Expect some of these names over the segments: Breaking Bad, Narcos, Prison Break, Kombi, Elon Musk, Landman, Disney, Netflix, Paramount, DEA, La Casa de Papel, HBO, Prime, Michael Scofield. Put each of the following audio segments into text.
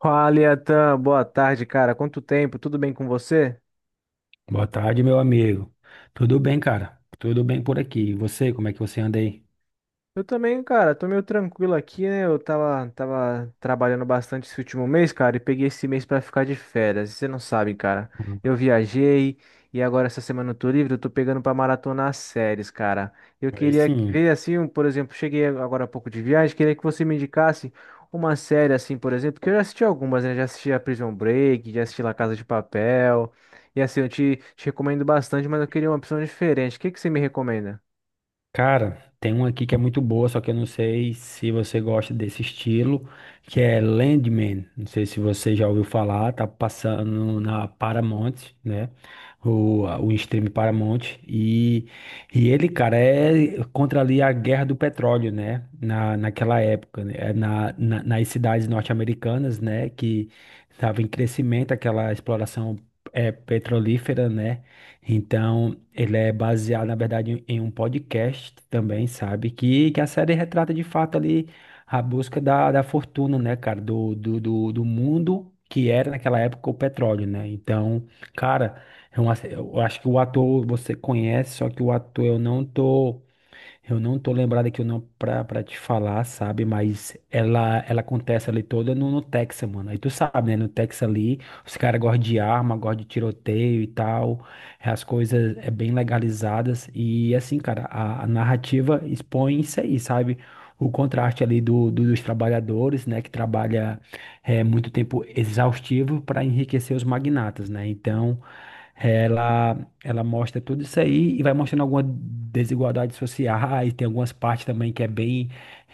Fala, Iatan, boa tarde, cara. Quanto tempo? Tudo bem com você? Boa tarde, meu amigo. Tudo bem, cara? Tudo bem por aqui. E você, como é que você anda aí? Eu também, cara, tô meio tranquilo aqui, né? Eu tava trabalhando bastante esse último mês, cara, e peguei esse mês pra ficar de férias. Você não sabe, cara. Hum. Eu viajei e agora essa semana eu tô livre, eu tô pegando pra maratonar as séries, cara. Eu Aí queria sim. ver, assim, por exemplo, cheguei agora há pouco de viagem, queria que você me indicasse uma série, assim, por exemplo, que eu já assisti algumas, né? Já assisti a Prison Break, já assisti La Casa de Papel. E assim, eu te recomendo bastante, mas eu queria uma opção diferente. O que que você me recomenda? Cara, tem uma aqui que é muito boa, só que eu não sei se você gosta desse estilo, que é Landman. Não sei se você já ouviu falar, tá passando na Paramount, né? O stream Paramount. E ele, cara, é contra ali a guerra do petróleo, né? Naquela época, né? Nas cidades norte-americanas, né? Que estava em crescimento aquela exploração petrolífera, né? Então, ele é baseado, na verdade, em um podcast também, sabe? Que a série retrata de fato ali a busca da fortuna, né, cara? Do mundo que era naquela época o petróleo, né? Então, cara, eu acho que o ator você conhece, só que o ator eu não tô. Eu não tô lembrado aqui o nome pra te falar, sabe? Mas ela acontece ali toda no Texas, mano. Aí tu sabe, né? No Texas ali, os caras gostam de arma, gostam de tiroteio e tal. As coisas é bem legalizadas. E assim, cara, a narrativa expõe isso aí, sabe? O contraste ali dos trabalhadores, né? Que trabalha muito tempo exaustivo para enriquecer os magnatas, né? Então. Ela ela mostra tudo isso aí e vai mostrando algumas desigualdades sociais, tem algumas partes também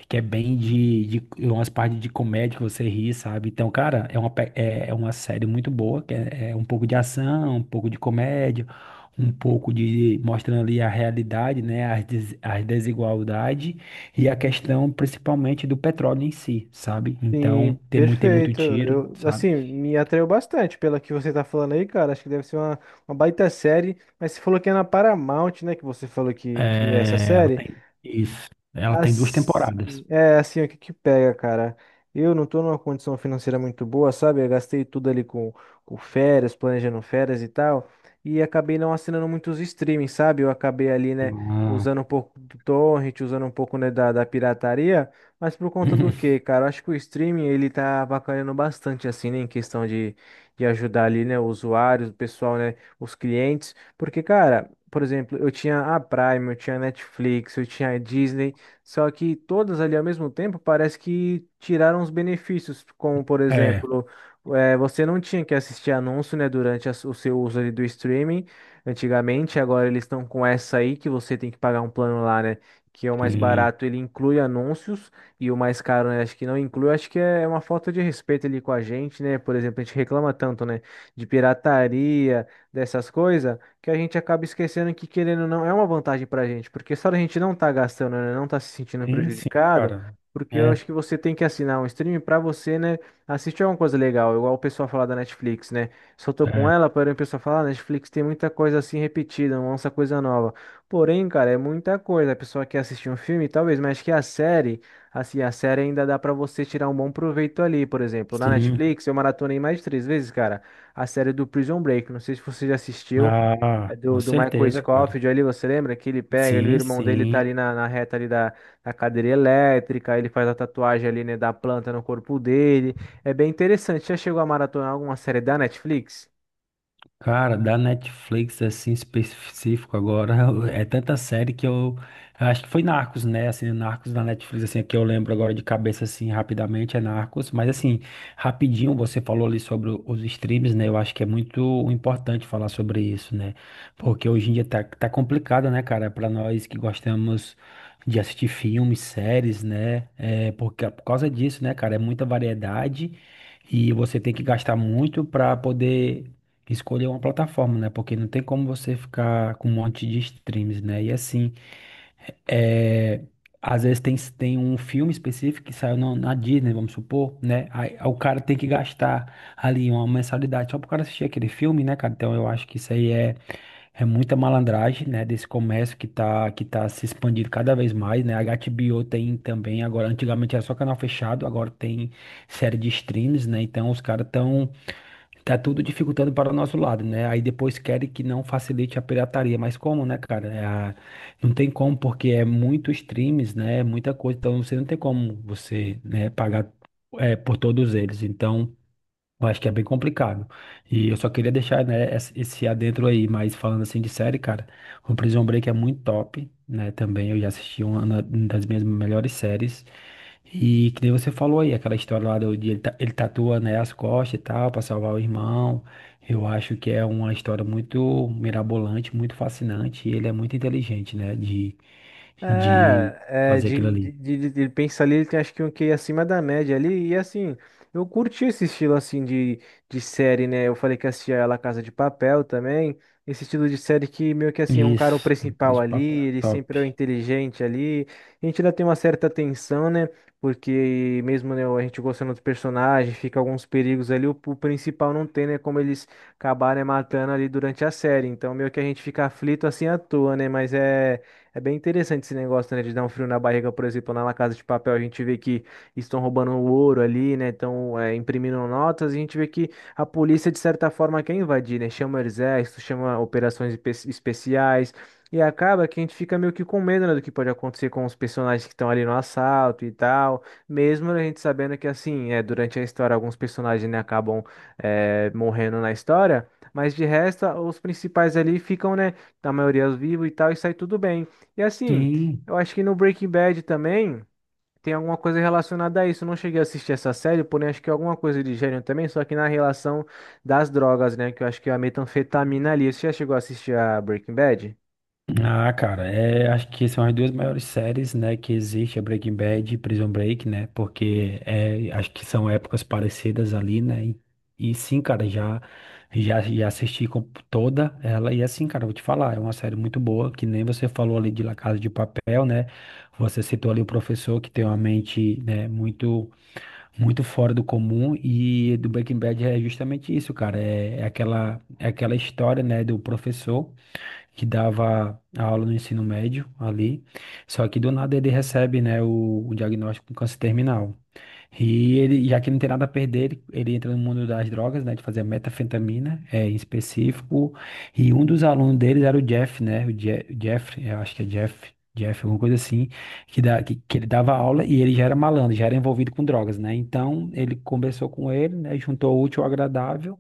que é bem de umas partes de comédia que você ri, sabe? Então, cara, é uma série muito boa, é um pouco de ação, um pouco de comédia, um pouco de mostrando ali a realidade, né? As desigualdades e a questão principalmente do petróleo em si, sabe? Sim, Então, tem muito perfeito. tiro, Eu, sabe? assim, me atraiu bastante pela que você tá falando aí, cara. Acho que deve ser uma baita série. Mas você falou que é na Paramount, né? Que você falou que é essa É, ela série. tem isso. Ela tem duas temporadas. Assim, é assim, o que que pega, cara? Eu não tô numa condição financeira muito boa, sabe? Eu gastei tudo ali com férias, planejando férias e tal, e acabei não assinando muitos streamings, sabe? Eu acabei ali, né, Ah. usando um pouco do torrent, usando um pouco, né, da pirataria, mas por conta do quê, cara? Eu acho que o streaming, ele tá avacalhando bastante, assim, né, de ajudar ali, né, os usuários, o pessoal, né, os clientes, porque, cara... Por exemplo, eu tinha a Prime, eu tinha a Netflix, eu tinha a Disney, só que todas ali ao mesmo tempo parece que tiraram os benefícios, como por é, exemplo, você não tinha que assistir anúncio, né, durante a o seu uso ali do streaming antigamente. Agora eles estão com essa aí que você tem que pagar um plano lá, né? Que é o mais sim, barato, ele inclui anúncios, e o mais caro, né? Acho que não inclui. Acho que é uma falta de respeito ali com a gente, né? Por exemplo, a gente reclama tanto, né? De pirataria, dessas coisas, que a gente acaba esquecendo que, querendo ou não, é uma vantagem pra gente, porque só a gente não tá gastando, né, não tá se sentindo sim, sim, prejudicado, cara. porque eu É, acho que você tem que assinar um stream pra você, né, assistir alguma coisa legal, igual o pessoal fala da Netflix, né? Só tô com é, ela, porém o pessoal fala, ah, Netflix tem muita coisa assim repetida, não lança coisa nova. Porém, cara, é muita coisa. A pessoa quer assistir um filme, talvez, mas acho que a série, assim, a série ainda dá pra você tirar um bom proveito ali. Por exemplo, na sim. Netflix, eu maratonei mais de 3 vezes, cara, a série do Prison Break, não sei se você já assistiu. Ah, É com do, do Michael certeza, cara. Scofield ali, você lembra? Que ele pega, ele, o Sim, irmão dele tá ali sim. Na reta ali da cadeira elétrica, ele faz a tatuagem ali, né, da planta no corpo dele. É bem interessante. Já chegou a maratonar alguma série da Netflix? Cara, da Netflix, assim, específico agora, é tanta série que eu acho que foi Narcos, né? Assim, Narcos da Netflix, assim, que eu lembro agora de cabeça, assim, rapidamente, é Narcos, mas assim, rapidinho, você falou ali sobre os streams, né? Eu acho que é muito importante falar sobre isso, né? Porque hoje em dia tá complicado, né, cara? Pra nós que gostamos de assistir filmes, séries, né? É, porque, por causa disso, né, cara? É muita variedade. E você tem que gastar muito para poder escolher uma plataforma, né? Porque não tem como você ficar com um monte de streams, né? E assim, é, às vezes tem um filme específico que saiu na Disney, vamos supor, né? Aí, o cara tem que gastar ali uma mensalidade só pro cara assistir aquele filme, né, cara? Então eu acho que é muita malandragem, né? Desse comércio que tá se expandindo cada vez mais, né? A HBO tem também agora, antigamente era só canal fechado, agora tem série de streams, né? Então os caras estão tá tudo dificultando para o nosso lado, né? Aí depois querem que não facilite a pirataria. Mas como, né, cara? Não tem como, porque é muito streams, né? É muita coisa. Então você não tem como você, né, pagar por todos eles. Então eu acho que é bem complicado. E eu só queria deixar, né, esse adentro aí, mas falando assim de série, cara, o Prison Break é muito top, né? Também eu já assisti uma das minhas melhores séries. E que nem você falou aí, aquela história lá de ele, ele tatua, né, as costas e tal, pra salvar o irmão. Eu acho que é uma história muito mirabolante, muito fascinante, e ele é muito inteligente, né, de É, fazer aquilo ali. Ele pensa ali, ele tem acho que um QI acima da média ali, e assim, eu curti esse estilo assim de série, né? Eu falei que assistia a La Casa de Papel também, esse estilo de série que meio que assim, é um cara o Isso, no principal caso, o ali, papo é ele top. sempre é o inteligente ali, a gente ainda tem uma certa tensão, né? Porque mesmo, né, a gente gostando dos personagens, fica alguns perigos ali, o principal não tem, né, como eles acabarem matando ali durante a série, então meio que a gente fica aflito assim à toa, né? Mas é. É bem interessante esse negócio, né, de dar um frio na barriga. Por exemplo, na La Casa de Papel, a gente vê que estão roubando o ouro ali, né, estão imprimindo notas, e a gente vê que a polícia, de certa forma, quer invadir, né, chama o exército, chama operações especiais, e acaba que a gente fica meio que com medo, né, do que pode acontecer com os personagens que estão ali no assalto e tal, mesmo a gente sabendo que, assim, durante a história, alguns personagens, né, acabam morrendo na história, mas de resto, os principais ali ficam, né, a maioria vivos e tal, e sai tudo bem. E assim, Sim. eu acho que no Breaking Bad também tem alguma coisa relacionada a isso. Eu não cheguei a assistir essa série, porém acho que é alguma coisa de gênero também, só que na relação das drogas, né? Que eu acho que é a metanfetamina ali. Você já chegou a assistir a Breaking Bad? Ah, cara, é, acho que são as duas maiores séries, né, que existe, a Breaking Bad e Prison Break, né, porque é, acho que são épocas parecidas ali, né, e sim, cara, já assisti com toda ela, e assim, cara, eu vou te falar, é uma série muito boa, que nem você falou ali de La Casa de Papel, né, você citou ali o professor que tem uma mente, né, muito fora do comum, e do Breaking Bad é justamente isso, cara, é aquela história, né, do professor, que dava a aula no ensino médio ali. Só que do nada ele recebe, né, o diagnóstico com câncer terminal. E ele, já que ele não tem nada a perder, ele entra no mundo das drogas, né, de fazer metanfetamina, em específico. E um dos alunos deles era o Jeff, né, o Je Jeff, eu acho que é Jeff. Jeff, alguma coisa assim, que ele dava aula e ele já era malandro, já era envolvido com drogas, né? Então, ele conversou com ele, né? Juntou o útil ao agradável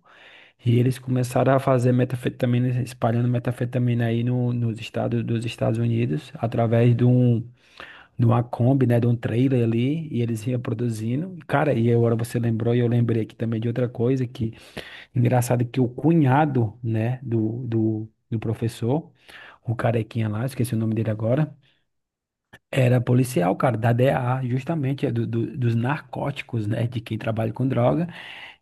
e eles começaram a fazer metafetamina, espalhando metafetamina aí no, nos estados dos Estados Unidos, através de uma Kombi, né, de um trailer ali, e eles iam produzindo. Cara, e agora você lembrou, e eu lembrei aqui também de outra coisa, que engraçado que o cunhado, né, do professor, o carequinha lá, esqueci o nome dele agora, era policial, cara, da DEA, justamente, é dos narcóticos, né, de quem trabalha com droga,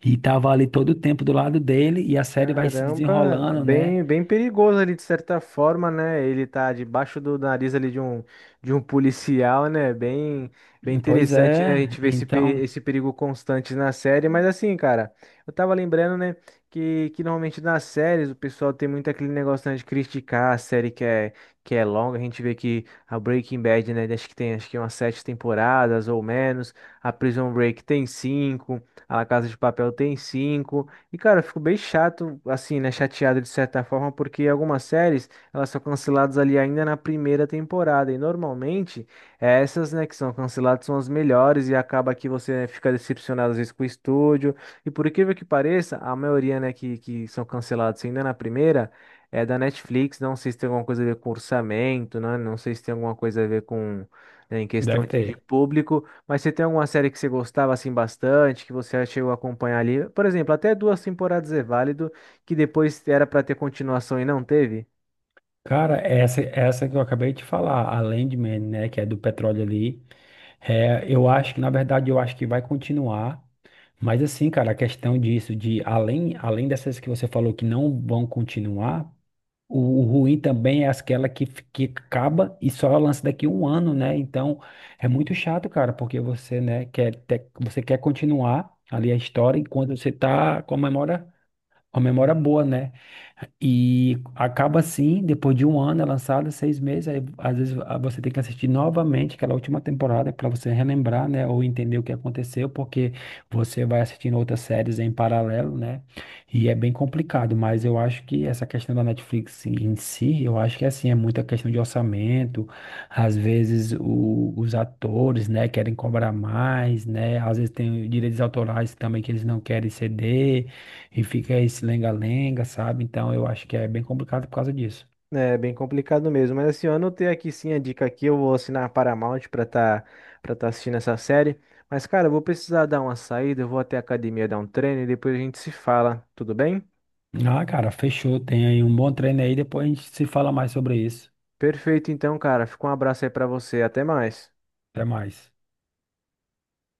e tava ali todo o tempo do lado dele, e a série vai se Caramba, desenrolando, né? bem, bem perigoso ali de certa forma, né? Ele tá debaixo do nariz ali de um policial, né? Bem, bem Pois interessante, né? A é, gente vê esse, então, esse perigo constante na série, mas assim, cara, eu tava lembrando, né, que normalmente nas séries o pessoal tem muito aquele negócio, né, de criticar a série que é longa. A gente vê que a Breaking Bad, né, acho que tem acho que umas 7 temporadas ou menos, a Prison Break tem 5, a La Casa de Papel tem 5. E, cara, eu fico bem chato, assim, né? Chateado de certa forma, porque algumas séries, elas são canceladas ali ainda na primeira temporada. E normalmente, essas, né, que são canceladas são as melhores e acaba que você, né, fica decepcionado às vezes com o estúdio. E por incrível que pareça, a maioria, né, que são canceladas ainda na primeira é da Netflix. Não sei se tem alguma coisa a ver com orçamento, né? Não sei se tem alguma coisa a ver com, né, em questão deve de ter. público. Mas você tem alguma série que você gostava assim bastante, que você chegou a acompanhar ali? Por exemplo, até 2 temporadas é válido, que depois era pra ter continuação e não teve? Cara, essa que eu acabei de falar, a Landman, né, que é do petróleo ali, é, eu acho que, na verdade, eu acho que vai continuar, mas assim, cara, a questão disso, de além dessas que você falou que não vão continuar, o ruim também é aquela que, que acaba e só lança daqui um ano, né, então é muito chato, cara, porque você, né, você quer continuar ali a história enquanto você tá com a memória boa, né. E acaba assim, depois de um ano é lançada, seis meses, aí às vezes ah, você tem que assistir novamente aquela última temporada para você relembrar, né, ou entender o que aconteceu, porque você vai assistindo outras séries em paralelo, né? E é bem complicado, mas eu acho que essa questão da Netflix em si, eu acho que assim, é muita questão de orçamento, às vezes os atores, né, querem cobrar mais, né? Às vezes tem direitos autorais também que eles não querem ceder. E fica esse lenga-lenga, sabe? Então eu acho que é bem complicado por causa disso. É bem complicado mesmo, mas assim, eu anotei aqui sim a dica aqui, eu vou assinar a Paramount pra tá assistindo essa série. Mas cara, eu vou precisar dar uma saída, eu vou até a academia dar um treino e depois a gente se fala, tudo bem? Ah, cara, fechou. Tem aí um bom treino aí. Depois a gente se fala mais sobre isso. Perfeito então, cara, fica um abraço aí pra você, até mais. Até mais.